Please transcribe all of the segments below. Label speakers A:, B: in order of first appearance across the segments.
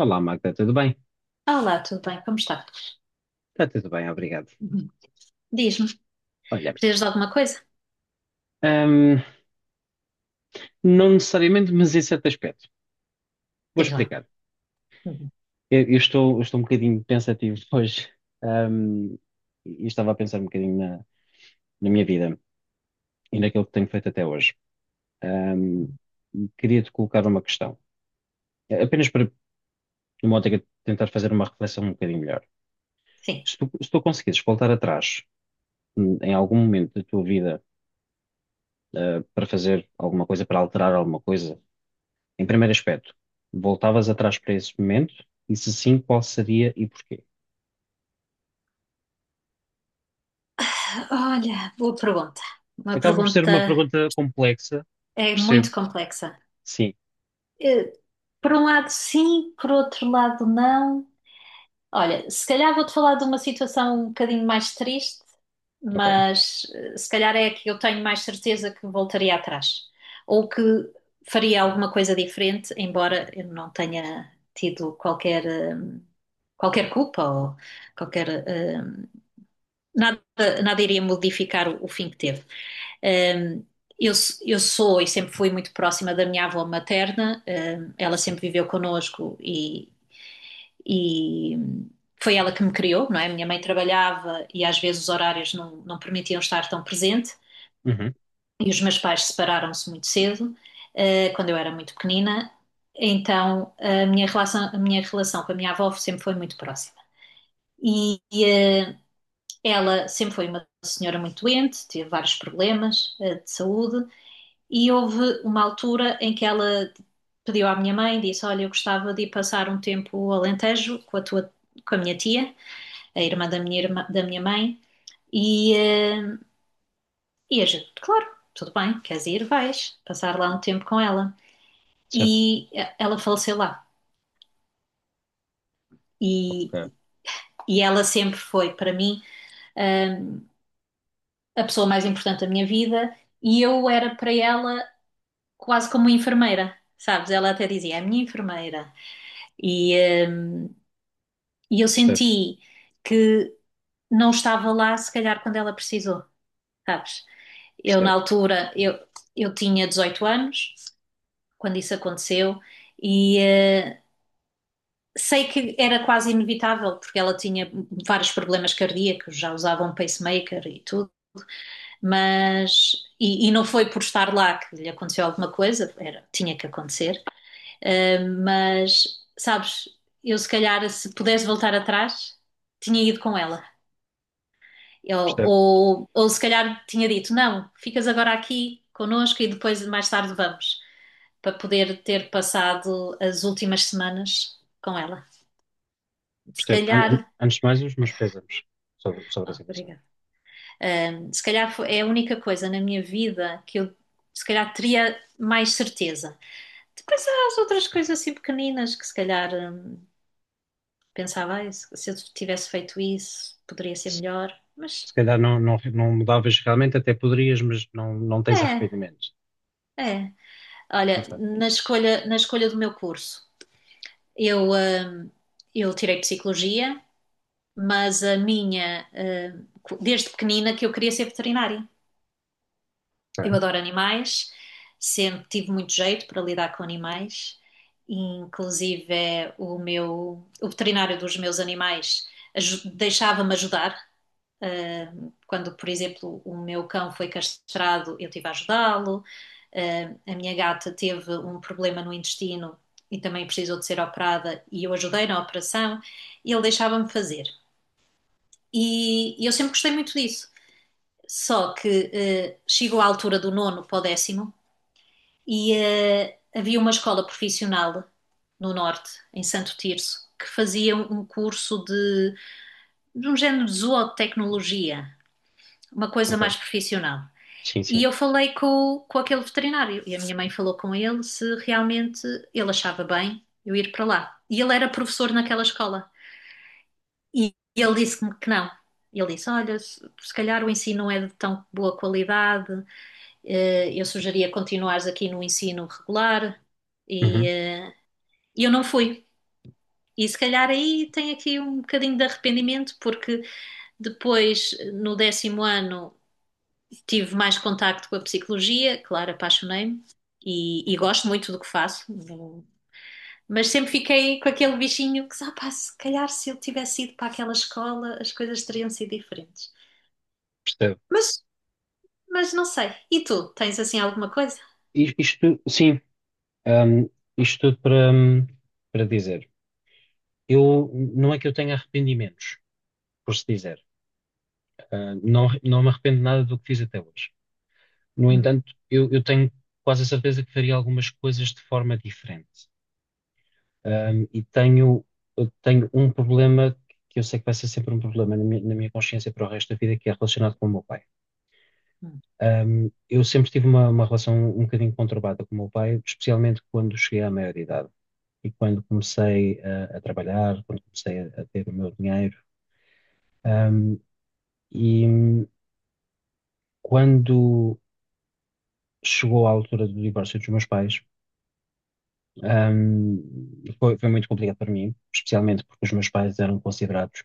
A: Olá, Magda, tudo bem?
B: Olá, tudo bem? Como está?
A: Está tudo bem, obrigado.
B: Uhum. Diz-me,
A: Olha,
B: precisas de alguma coisa?
A: ahm, não necessariamente, mas em certo aspecto. Vou
B: Diz lá.
A: explicar.
B: Uhum.
A: Eu estou um bocadinho pensativo hoje, ahm, e estava a pensar um bocadinho na minha vida e naquilo que tenho feito até hoje. Ahm,
B: Uhum.
A: Queria-te colocar uma questão, apenas para, numa ótica, de tentar fazer uma reflexão um bocadinho melhor.
B: Sim.
A: Se tu conseguires voltar atrás, em algum momento da tua vida, para fazer alguma coisa, para alterar alguma coisa, em primeiro aspecto, voltavas atrás para esse momento? E se sim, qual seria e porquê?
B: Ah, Olha, boa pergunta. Uma
A: Acaba por ser
B: pergunta
A: uma pergunta complexa,
B: é
A: percebo.
B: muito complexa.
A: Sim,
B: Eh, Por um lado, sim, por outro lado, não. Olha, se calhar vou-te falar de uma situação um bocadinho mais triste,
A: ok.
B: mas se calhar é a que eu tenho mais certeza que voltaria atrás. Ou que faria alguma coisa diferente, embora eu não tenha tido qualquer, qualquer culpa ou qualquer nada, nada iria modificar o fim que teve. Hum, eu, eu sou e sempre fui muito próxima da minha avó materna, ela sempre viveu connosco e foi ela que me criou, não é? Minha mãe trabalhava e às vezes os horários não permitiam estar tão presente
A: Uhum,
B: e os meus pais separaram-se muito cedo, quando eu era muito pequenina. Então, a minha relação com a minha avó sempre foi muito próxima. E, e ah, ela sempre foi uma senhora muito doente, teve vários problemas de saúde e houve uma altura em que ela pediu à minha mãe, disse: Olha, eu gostava de ir passar um tempo ao Alentejo com a tua, com a minha tia, a irmã da minha, da minha mãe, e, eh, e a gente, claro, tudo bem, queres ir, vais passar lá um tempo com ela.
A: certo,
B: E ela faleceu lá. E,
A: ok.
B: e ela sempre foi para mim eh, a pessoa mais importante da minha vida, e eu era para ela quase como enfermeira, sabes? Ela até dizia, é a minha enfermeira. E, hum, e eu
A: Percebo,
B: senti que não estava lá, se calhar, quando ela precisou, sabes? Eu, na
A: percebo,
B: altura, eu tinha 18 anos quando isso aconteceu e sei que era quase inevitável, porque ela tinha vários problemas cardíacos, já usava um pacemaker e tudo, mas. E não foi por estar lá que lhe aconteceu alguma coisa, era, tinha que acontecer. Mas, sabes, eu se calhar, se pudesse voltar atrás, tinha ido com ela.
A: percebo,
B: Ou se calhar tinha dito, não, ficas agora aqui connosco e depois mais tarde vamos, para poder ter passado as últimas semanas com ela. Se
A: percebo.
B: calhar,
A: Antes de mais, os meus pésames sobre a
B: oh,
A: situação.
B: obrigada. Um, se calhar é a única coisa na minha vida que eu se calhar teria mais certeza. Depois há as outras coisas assim pequeninas que se calhar pensava, "Ai, se eu tivesse feito isso, poderia ser
A: Se,
B: melhor."
A: se
B: Mas
A: calhar não, não, não mudavas realmente, até poderias, mas não, não tens
B: é,
A: arrependimento.
B: é. Olha,
A: Ok,
B: na escolha do meu curso, eu, hum, eu tirei psicologia, mas a minha, desde pequenina que eu queria ser veterinária. Eu
A: ok,
B: adoro animais, sempre tive muito jeito para lidar com animais. Inclusive, é o meu, o veterinário dos meus animais deixava-me ajudar. Quando, por exemplo, o meu cão foi castrado, eu tive a ajudá-lo. A minha gata teve um problema no intestino e também precisou de ser operada e eu ajudei na operação e ele deixava-me fazer. E eu sempre gostei muito disso. Só que chegou à altura do nono para o décimo e havia uma escola profissional no norte, em Santo Tirso, que fazia um curso de um género de zootecnologia, uma coisa
A: ok.
B: mais profissional.
A: Sim,
B: E
A: sim.
B: eu falei com aquele veterinário e a minha mãe falou com ele se realmente ele achava bem eu ir para lá. E ele era professor naquela escola e ele disse-me que não. Ele disse: Olha, se se calhar o ensino não é de tão boa qualidade, eu sugeria continuares aqui no ensino regular. E
A: Uhum,
B: eh, e eu não fui. E se calhar aí tem aqui um bocadinho de arrependimento, porque depois, no décimo ano, tive mais contacto com a psicologia, claro, apaixonei-me e gosto muito do que faço, mas sempre fiquei com aquele bichinho que, ah, pá, se calhar se eu tivesse ido para aquela escola as coisas teriam sido diferentes.
A: percebo.
B: Mas, mas não sei. E tu, tens assim alguma coisa?
A: Isto, sim, hum, isto tudo para dizer. Eu, não é que eu tenha arrependimentos, por se dizer. Ah, não, não me arrependo de nada do que fiz até hoje. No
B: Hum,
A: entanto, eu tenho quase a certeza que faria algumas coisas de forma diferente. Ah, eu tenho um problema que eu sei que vai ser sempre um problema na minha consciência para o resto da vida, que é relacionado com o meu pai.
B: hum,
A: Eu sempre tive uma relação um bocadinho conturbada com o meu pai, especialmente quando cheguei à maioridade e quando comecei a trabalhar, quando comecei a ter o meu dinheiro.
B: hum.
A: Um, e, Quando chegou à altura do divórcio dos meus pais, foi muito complicado para mim, especialmente porque os meus pais eram considerados,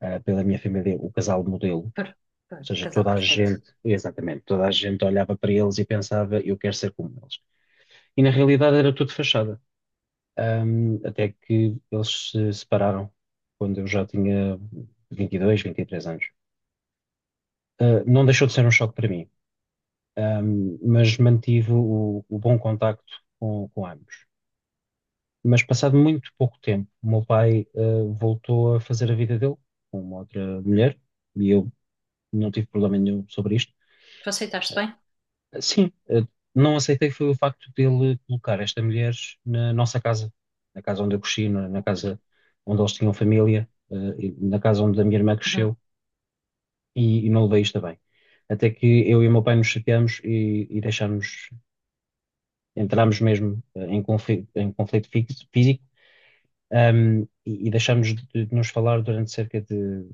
A: pela minha família o casal modelo. Ou
B: Per-
A: seja,
B: Casal
A: toda a
B: perfeito.
A: gente, exatamente, toda a gente olhava para eles e pensava, eu quero ser como eles. E na realidade era tudo fachada. Até que eles se separaram quando eu já tinha vinte e dois, 23 anos. Não deixou de ser um choque para mim, mas mantive o bom contacto com ambos. Mas passado muito pouco tempo, o meu pai, voltou a fazer a vida dele com uma outra mulher e eu não tive problema nenhum sobre isto.
B: Tu aceitaste bem?
A: Sim, não aceitei foi o facto dele colocar esta mulher na nossa casa, na casa onde eu cresci, na casa onde eles tinham família, e na casa onde a minha irmã
B: Uhum,
A: cresceu e não levei isto a bem. Até que eu e o meu pai nos chateamos e entrámos mesmo em conflito físico. E deixamos de nos falar durante cerca de,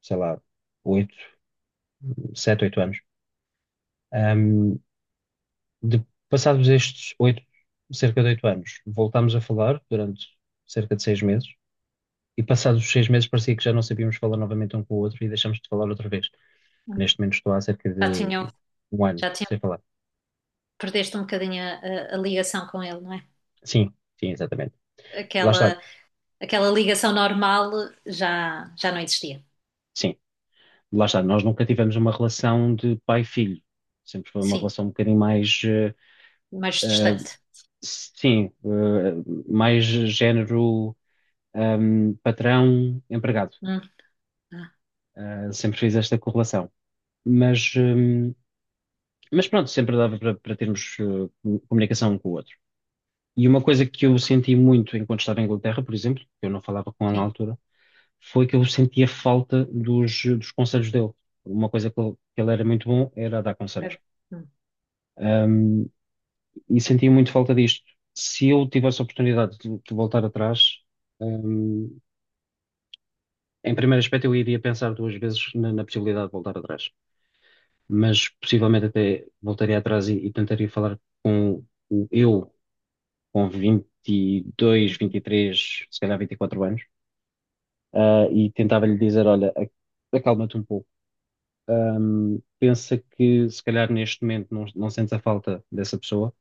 A: sei lá, 8, 7, 8 anos. Um, Passados estes 8, cerca de 8 anos, voltámos a falar durante cerca de 6 meses. E passados os 6 meses parecia que já não sabíamos falar novamente um com o outro e deixámos de falar outra vez.
B: uhum.
A: Neste momento estou há cerca
B: Já
A: de
B: tinham,
A: um ano
B: já tinham,
A: sem falar.
B: perdeste um bocadinho a, a ligação com ele, não é?
A: Sim, sim, exatamente. Lá está,
B: Aquela, aquela ligação normal já, já não existia.
A: sim, lá está. Nós nunca tivemos uma relação de pai-filho. Sempre foi uma
B: Sim.
A: relação um bocadinho mais
B: Mais
A: eh,
B: distante.
A: sim, mais género, patrão, empregado.
B: Hum, ah,
A: Ah, sempre fiz esta correlação. Mas, hum, mas pronto, sempre dava para termos comunicação um com o outro. E uma coisa que eu senti muito enquanto estava em Inglaterra, por exemplo, que eu não falava com ela na
B: sim,
A: altura, foi que eu sentia falta dos conselhos dele. Uma coisa que ele era muito bom era a dar conselhos.
B: certo. Hum.
A: Ahm, e sentia muito falta disto. Se eu tivesse a oportunidade de voltar atrás. ehm, Em primeiro aspecto, eu iria pensar duas vezes na possibilidade de voltar atrás, mas possivelmente até voltaria atrás e tentaria falar com eu, com 22,
B: Uhum.
A: 23, se calhar 24 anos, e tentava-lhe dizer: Olha, acalma-te um pouco, pensa que se calhar neste momento não, não sentes a falta dessa pessoa,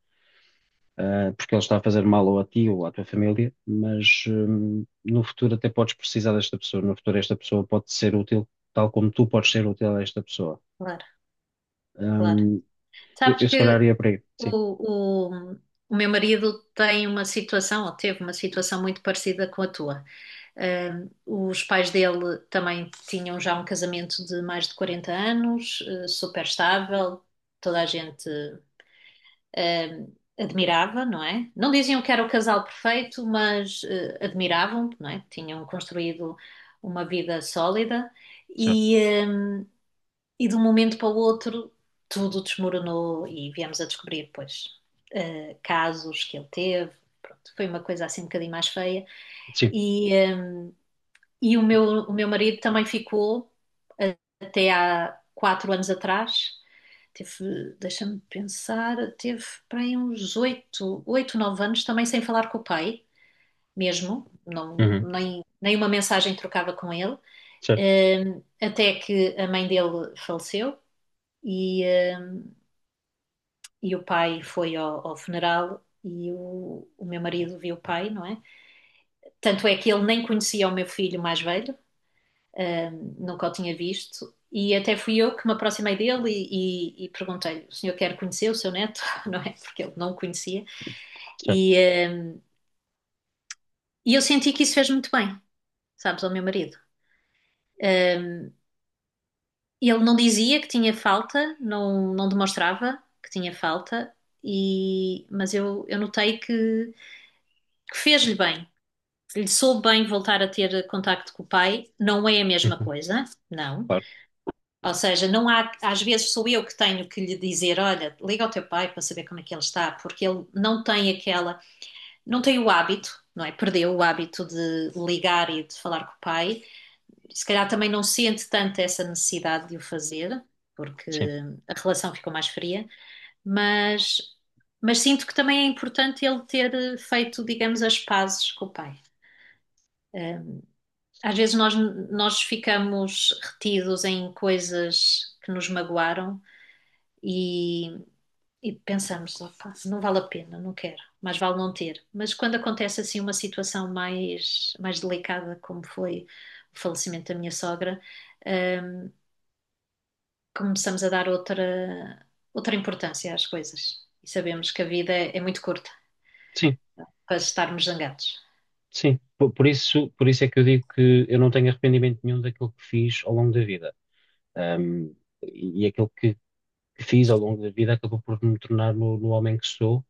A: porque ele está a fazer mal ou a ti ou à tua família, mas no futuro até podes precisar desta pessoa, no futuro esta pessoa pode ser útil tal como tu podes ser útil a esta pessoa.
B: Claro, claro.
A: Hum, eu,
B: Sabes
A: eu se calhar
B: que
A: ia para aí. Sim,
B: o, o, o meu marido tem uma situação, ou teve uma situação muito parecida com a tua. Os pais dele também tinham já um casamento de mais de 40 anos, super estável, toda a gente. Ah, admirava, não é? Não diziam que era o casal perfeito, mas ah, admiravam, não é? Tinham construído uma vida sólida
A: certo.
B: e, ah, e de um momento para o outro tudo desmoronou e viemos a descobrir, pois, ah, casos que ele teve. Pronto, foi uma coisa assim um bocadinho mais feia
A: Sim.
B: e, ah, e o meu marido também ficou a- até há 4 anos atrás. Teve, deixa-me pensar, teve para aí uns 8, 8, 9 anos também sem falar com o pai, mesmo. Não,
A: Uhum.
B: nem, nem uma mensagem trocava com ele.
A: Certo,
B: Até que a mãe dele faleceu e, hum, e o pai foi ao, ao funeral e o meu marido viu o pai, não é? Tanto é que ele nem conhecia o meu filho mais velho, nunca o tinha visto. E até fui eu que me aproximei dele e perguntei-lhe: o senhor quer conhecer o seu neto? Não é? Porque ele não o conhecia.
A: certo.
B: E, eh, e eu senti que isso fez muito bem, sabes, ao meu marido. Um, ele não dizia que tinha falta, não, não demonstrava que tinha falta, e, mas eu notei que fez-lhe bem. Ele soube bem voltar a ter contacto com o pai. Não é a mesma
A: Uhum.
B: coisa, não.
A: Claro.
B: Ou seja, não há, às vezes sou eu que tenho que lhe dizer, olha, liga ao teu pai para saber como é que ele está, porque ele não tem aquela, não tem o hábito, não é? Perdeu o hábito de ligar e de falar com o pai. Se calhar também não sente tanto essa necessidade de o fazer, porque
A: Sim.
B: a relação ficou mais fria, mas, mas sinto que também é importante ele ter feito, digamos, as pazes com o pai. Eh, Às vezes nós, nós ficamos retidos em coisas que nos magoaram e, e pensamos, opa, não vale a pena, não quero, mais vale não ter. Mas quando acontece assim uma situação mais, mais delicada, como foi o falecimento da minha sogra, hum, começamos a dar outra, outra importância às coisas e sabemos que a vida é, é muito curta
A: Sim,
B: para estarmos zangados.
A: sim. Por isso é que eu digo que eu não tenho arrependimento nenhum daquilo que fiz ao longo da vida. Hum, e aquilo que fiz ao longo da vida acabou por me tornar no homem que sou.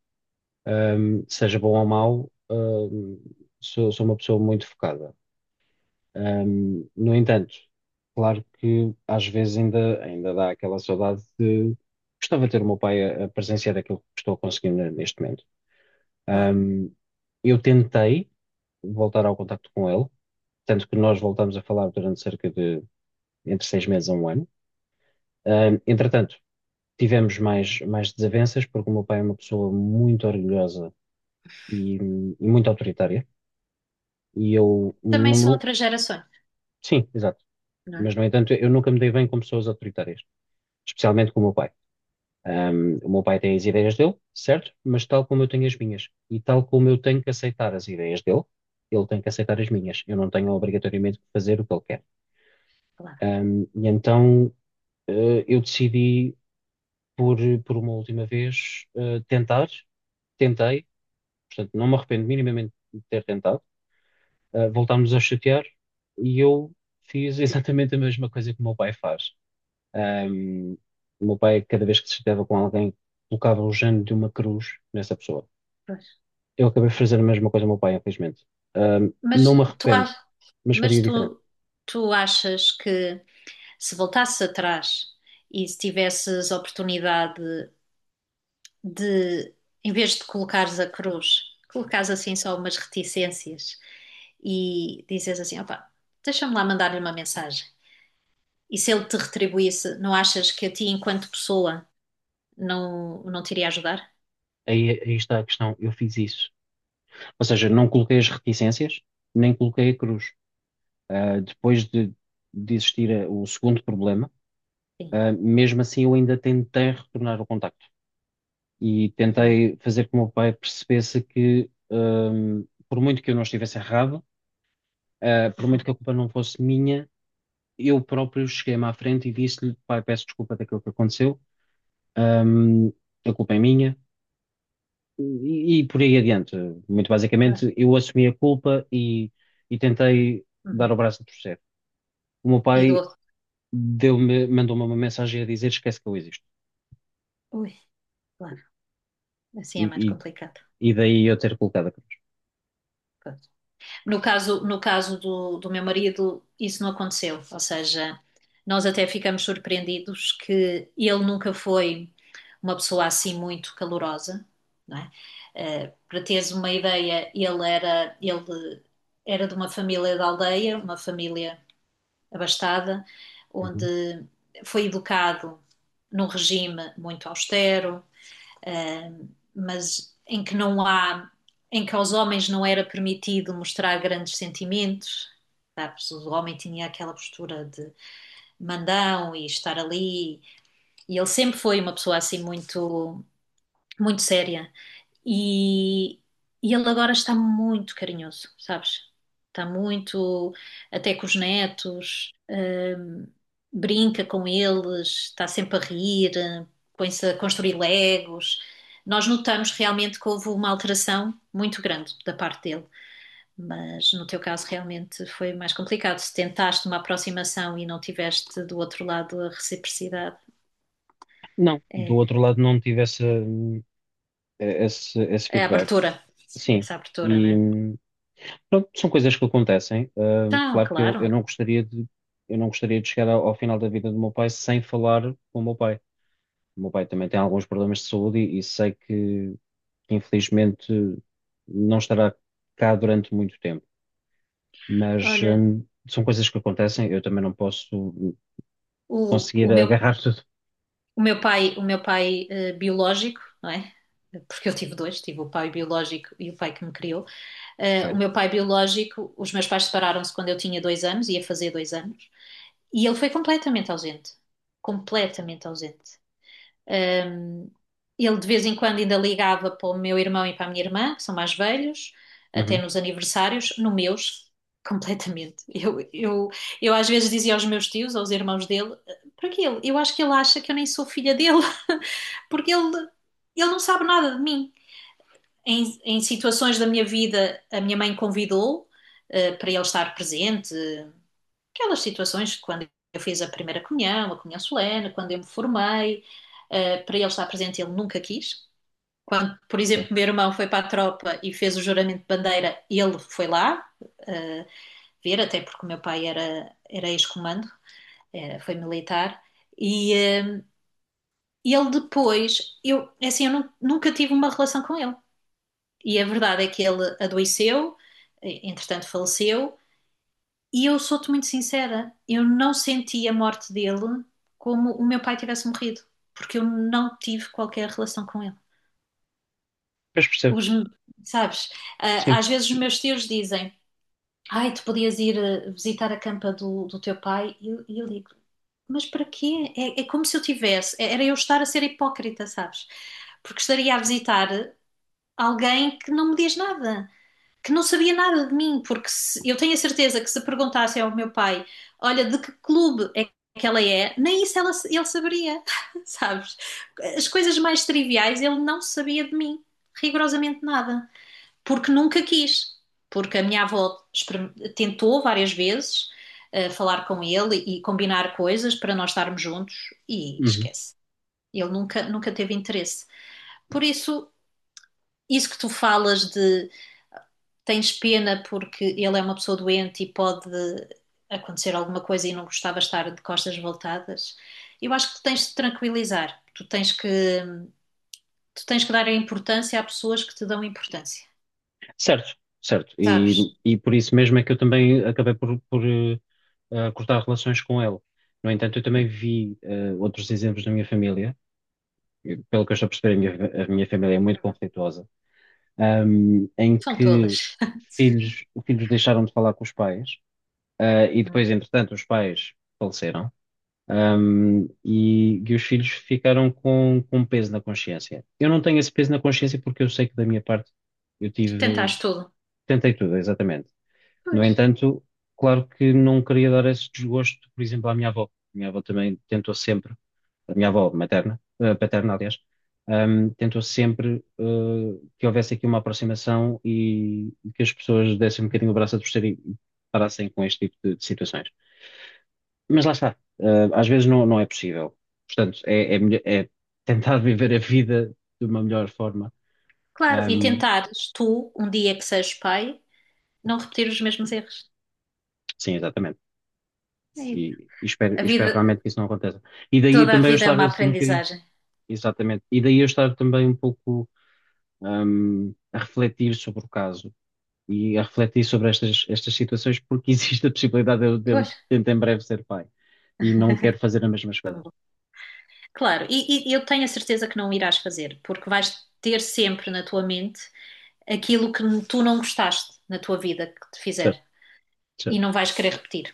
A: Seja bom ou mau, sou uma pessoa muito focada. No entanto, claro que às vezes ainda dá aquela saudade de gostava de ter o meu pai a presenciar aquilo que estou conseguindo neste momento.
B: Claro.
A: Um, eu tentei voltar ao contacto com ele, tanto que nós voltámos a falar durante cerca de entre 6 meses a um ano. Entretanto, tivemos mais desavenças, porque o meu pai é uma pessoa muito orgulhosa e, e muito autoritária, e eu, não,
B: Também são outras gerações,
A: sim, exato.
B: não é?
A: Mas, no entanto, eu nunca me dei bem com pessoas autoritárias, especialmente com o meu pai. O meu pai tem as ideias dele, certo? Mas tal como eu tenho as minhas, e tal como eu tenho que aceitar as ideias dele, ele tem que aceitar as minhas. Eu não tenho obrigatoriamente que fazer o que ele quer.
B: Claro.
A: E então eu decidi, por, por uma última vez, tentei, portanto não me arrependo minimamente de ter tentado, voltámos a chatear e eu fiz exatamente a mesma coisa que o meu pai faz. Ahm, o meu pai, cada vez que se chateava com alguém, colocava o género de uma cruz nessa pessoa.
B: Pois.
A: Eu acabei de fazer a mesma coisa ao meu pai, infelizmente. Não me
B: Mas tu,
A: arrependo,
B: ach-
A: mas
B: mas
A: faria diferente.
B: tu, tu achas que se voltasses atrás e se tivesses oportunidade de, em vez de colocares a cruz, colocares assim só umas reticências e dizes assim, opa, deixa-me lá mandar-lhe uma mensagem. E se ele te retribuísse, não achas que a ti, enquanto pessoa, não, não te iria ajudar?
A: Aí está a questão, eu fiz isso. Ou seja, não coloquei as reticências, nem coloquei a cruz. Depois de existir o segundo problema,
B: Sim.
A: mesmo assim eu ainda tentei retornar o contacto. E
B: E,
A: tentei fazer com que o meu pai percebesse que, por muito que eu não estivesse errado, por muito que a culpa não fosse minha, eu próprio cheguei-me à frente e disse-lhe, pai, peço desculpa daquilo que aconteceu, a culpa é minha, e por aí adiante. Muito
B: claro.
A: basicamente, eu assumi a culpa e tentei dar
B: Uhum.
A: o braço a torcer. O meu
B: E do
A: pai
B: outro,
A: mandou-me uma mensagem a dizer, esquece que eu existo.
B: ui, claro, assim é mais
A: E,
B: complicado.
A: e daí eu ter colocado a cruz.
B: Pois. No caso do, do meu marido, isso não aconteceu. Ou seja, nós até ficamos surpreendidos que ele nunca foi uma pessoa assim muito calorosa, não é? Para teres uma ideia, ele era de uma família da aldeia, uma família abastada,
A: Uhum.
B: onde foi educado num regime muito austero, uh, mas em que não há, em que aos homens não era permitido mostrar grandes sentimentos, sabes? O homem tinha aquela postura de mandão e estar ali, e ele sempre foi uma pessoa assim muito, muito séria e, e ele agora está muito carinhoso, sabes? Está muito, até com os netos, brinca com eles, está sempre a rir, põe-se a construir legos. Nós notamos realmente que houve uma alteração muito grande da parte dele, mas no teu caso realmente foi mais complicado. Se tentaste uma aproximação e não tiveste do outro lado a reciprocidade,
A: Não, do
B: é
A: outro lado não tive esse
B: é a
A: feedback.
B: abertura,
A: Sim,
B: essa abertura, né?
A: e... Pronto, são coisas que acontecem.
B: Então,
A: Claro que eu
B: claro.
A: não gostaria de, eu não gostaria de chegar ao final da vida do meu pai sem falar com o meu pai. O meu pai também tem alguns problemas de saúde e sei que, infelizmente não estará cá durante muito tempo. Mas
B: Olha.
A: são coisas que acontecem. Eu também não posso
B: O,
A: conseguir
B: o meu,
A: agarrar tudo.
B: o meu pai biológico, não é? Porque eu tive dois, tive o pai biológico e o pai que me criou.
A: Ok.
B: O meu pai biológico, os meus pais separaram-se quando eu tinha 2 anos, ia fazer 2 anos, e ele foi completamente ausente. Completamente ausente. Um, ele de vez em quando ainda ligava para o meu irmão e para a minha irmã, que são mais velhos, até
A: Uhum,
B: nos aniversários, no meus, completamente. Eu às vezes dizia aos meus tios, aos irmãos dele, para ele? Eu acho que ele acha que eu nem sou filha dele, porque ele não sabe nada de mim. Em situações da minha vida, a minha mãe convidou para ele estar presente. Aquelas situações quando eu fiz a primeira comunhão, a comunhão solene, quando eu me formei, para ele estar presente, ele nunca quis. Quando, por
A: ok.
B: exemplo, meu irmão foi para a tropa e fez o juramento de bandeira, ele foi lá eh, ver, até porque o meu pai era, era ex-comando, foi militar. E eh, ele depois, eu, é assim, eu nunca tive uma relação com ele. E a verdade é que ele adoeceu, entretanto faleceu. E eu sou-te muito sincera, eu não senti a morte dele como o meu pai tivesse morrido, porque eu não tive qualquer relação com ele.
A: Mas percebo.
B: Os, sabes, ah,
A: Sim.
B: às vezes os meus tios dizem, ai, tu podias ir ah, visitar a campa do, do teu pai, e eu digo, mas para quê? É, é como se eu tivesse, era eu estar a ser hipócrita, sabes? Porque estaria a visitar alguém que não me diz nada. Que não sabia nada de mim, porque eu tenho a certeza que se perguntassem ao meu pai, olha, de que clube é que ela é, nem isso ele saberia, sabes? As coisas mais triviais ele não sabia de mim, rigorosamente nada, porque nunca quis, porque a minha avó tentou várias vezes falar com ele e combinar coisas para nós estarmos juntos e
A: Uhum.
B: esquece. Ele nunca, nunca teve interesse. Por isso, isso que tu falas de tens pena porque ele é uma pessoa doente e pode acontecer alguma coisa e não gostava de estar de costas voltadas. Eu acho que tu tens de te tranquilizar, tu tens que dar a importância a pessoas que te dão importância,
A: Certo, certo. E,
B: sabes?
A: e por isso mesmo é que eu também acabei por, a cortar relações com ele. No entanto, eu também vi outros exemplos na minha família, e pelo que eu estou a perceber, a minha família é muito
B: Uhum.
A: conflituosa, em
B: São
A: que
B: todas.
A: filhos deixaram de falar com os pais, e
B: Uhum.
A: depois, entretanto, os pais faleceram, e os filhos ficaram com peso na consciência. Eu não tenho esse peso na consciência porque eu sei que da minha parte eu
B: Tentares tudo.
A: tentei tudo, exatamente. No
B: Pois.
A: entanto, claro que não queria dar esse desgosto, por exemplo, à minha avó. A minha avó também tentou sempre, a minha avó materna, paterna, aliás, tentou sempre, que houvesse aqui uma aproximação e que as pessoas dessem um bocadinho o braço a torcer e parassem com este tipo de situações. Mas lá está, às vezes não, não é possível. Portanto, é tentar viver a vida de uma melhor forma.
B: Claro, e
A: Ahm,
B: tentares tu, um dia que sejas pai, não repetir os mesmos erros.
A: sim, exatamente.
B: É isso.
A: E, e espero,
B: A
A: e
B: vida,
A: espero realmente que isso não aconteça. E daí
B: toda a
A: também eu
B: vida é
A: estava
B: uma
A: assim um bocadinho.
B: aprendizagem.
A: Exatamente. E daí eu estar também um pouco, a refletir sobre o caso e a refletir sobre estas situações, porque existe a possibilidade de eu
B: Pois.
A: tentar em breve ser pai e não quero fazer a mesma escolha.
B: Claro, e eu tenho a certeza que não irás fazer, porque vais ter sempre na tua mente aquilo que tu não gostaste na tua vida que te
A: Certo,
B: fizer e
A: certo.
B: não vais querer repetir.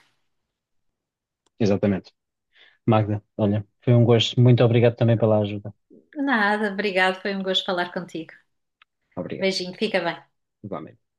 A: Exatamente. Magda, olha, foi um gosto. Muito obrigado também pela ajuda.
B: Nada, obrigado, foi um gosto falar contigo.
A: Obrigado.
B: Beijinho, fica bem.
A: Igualmente.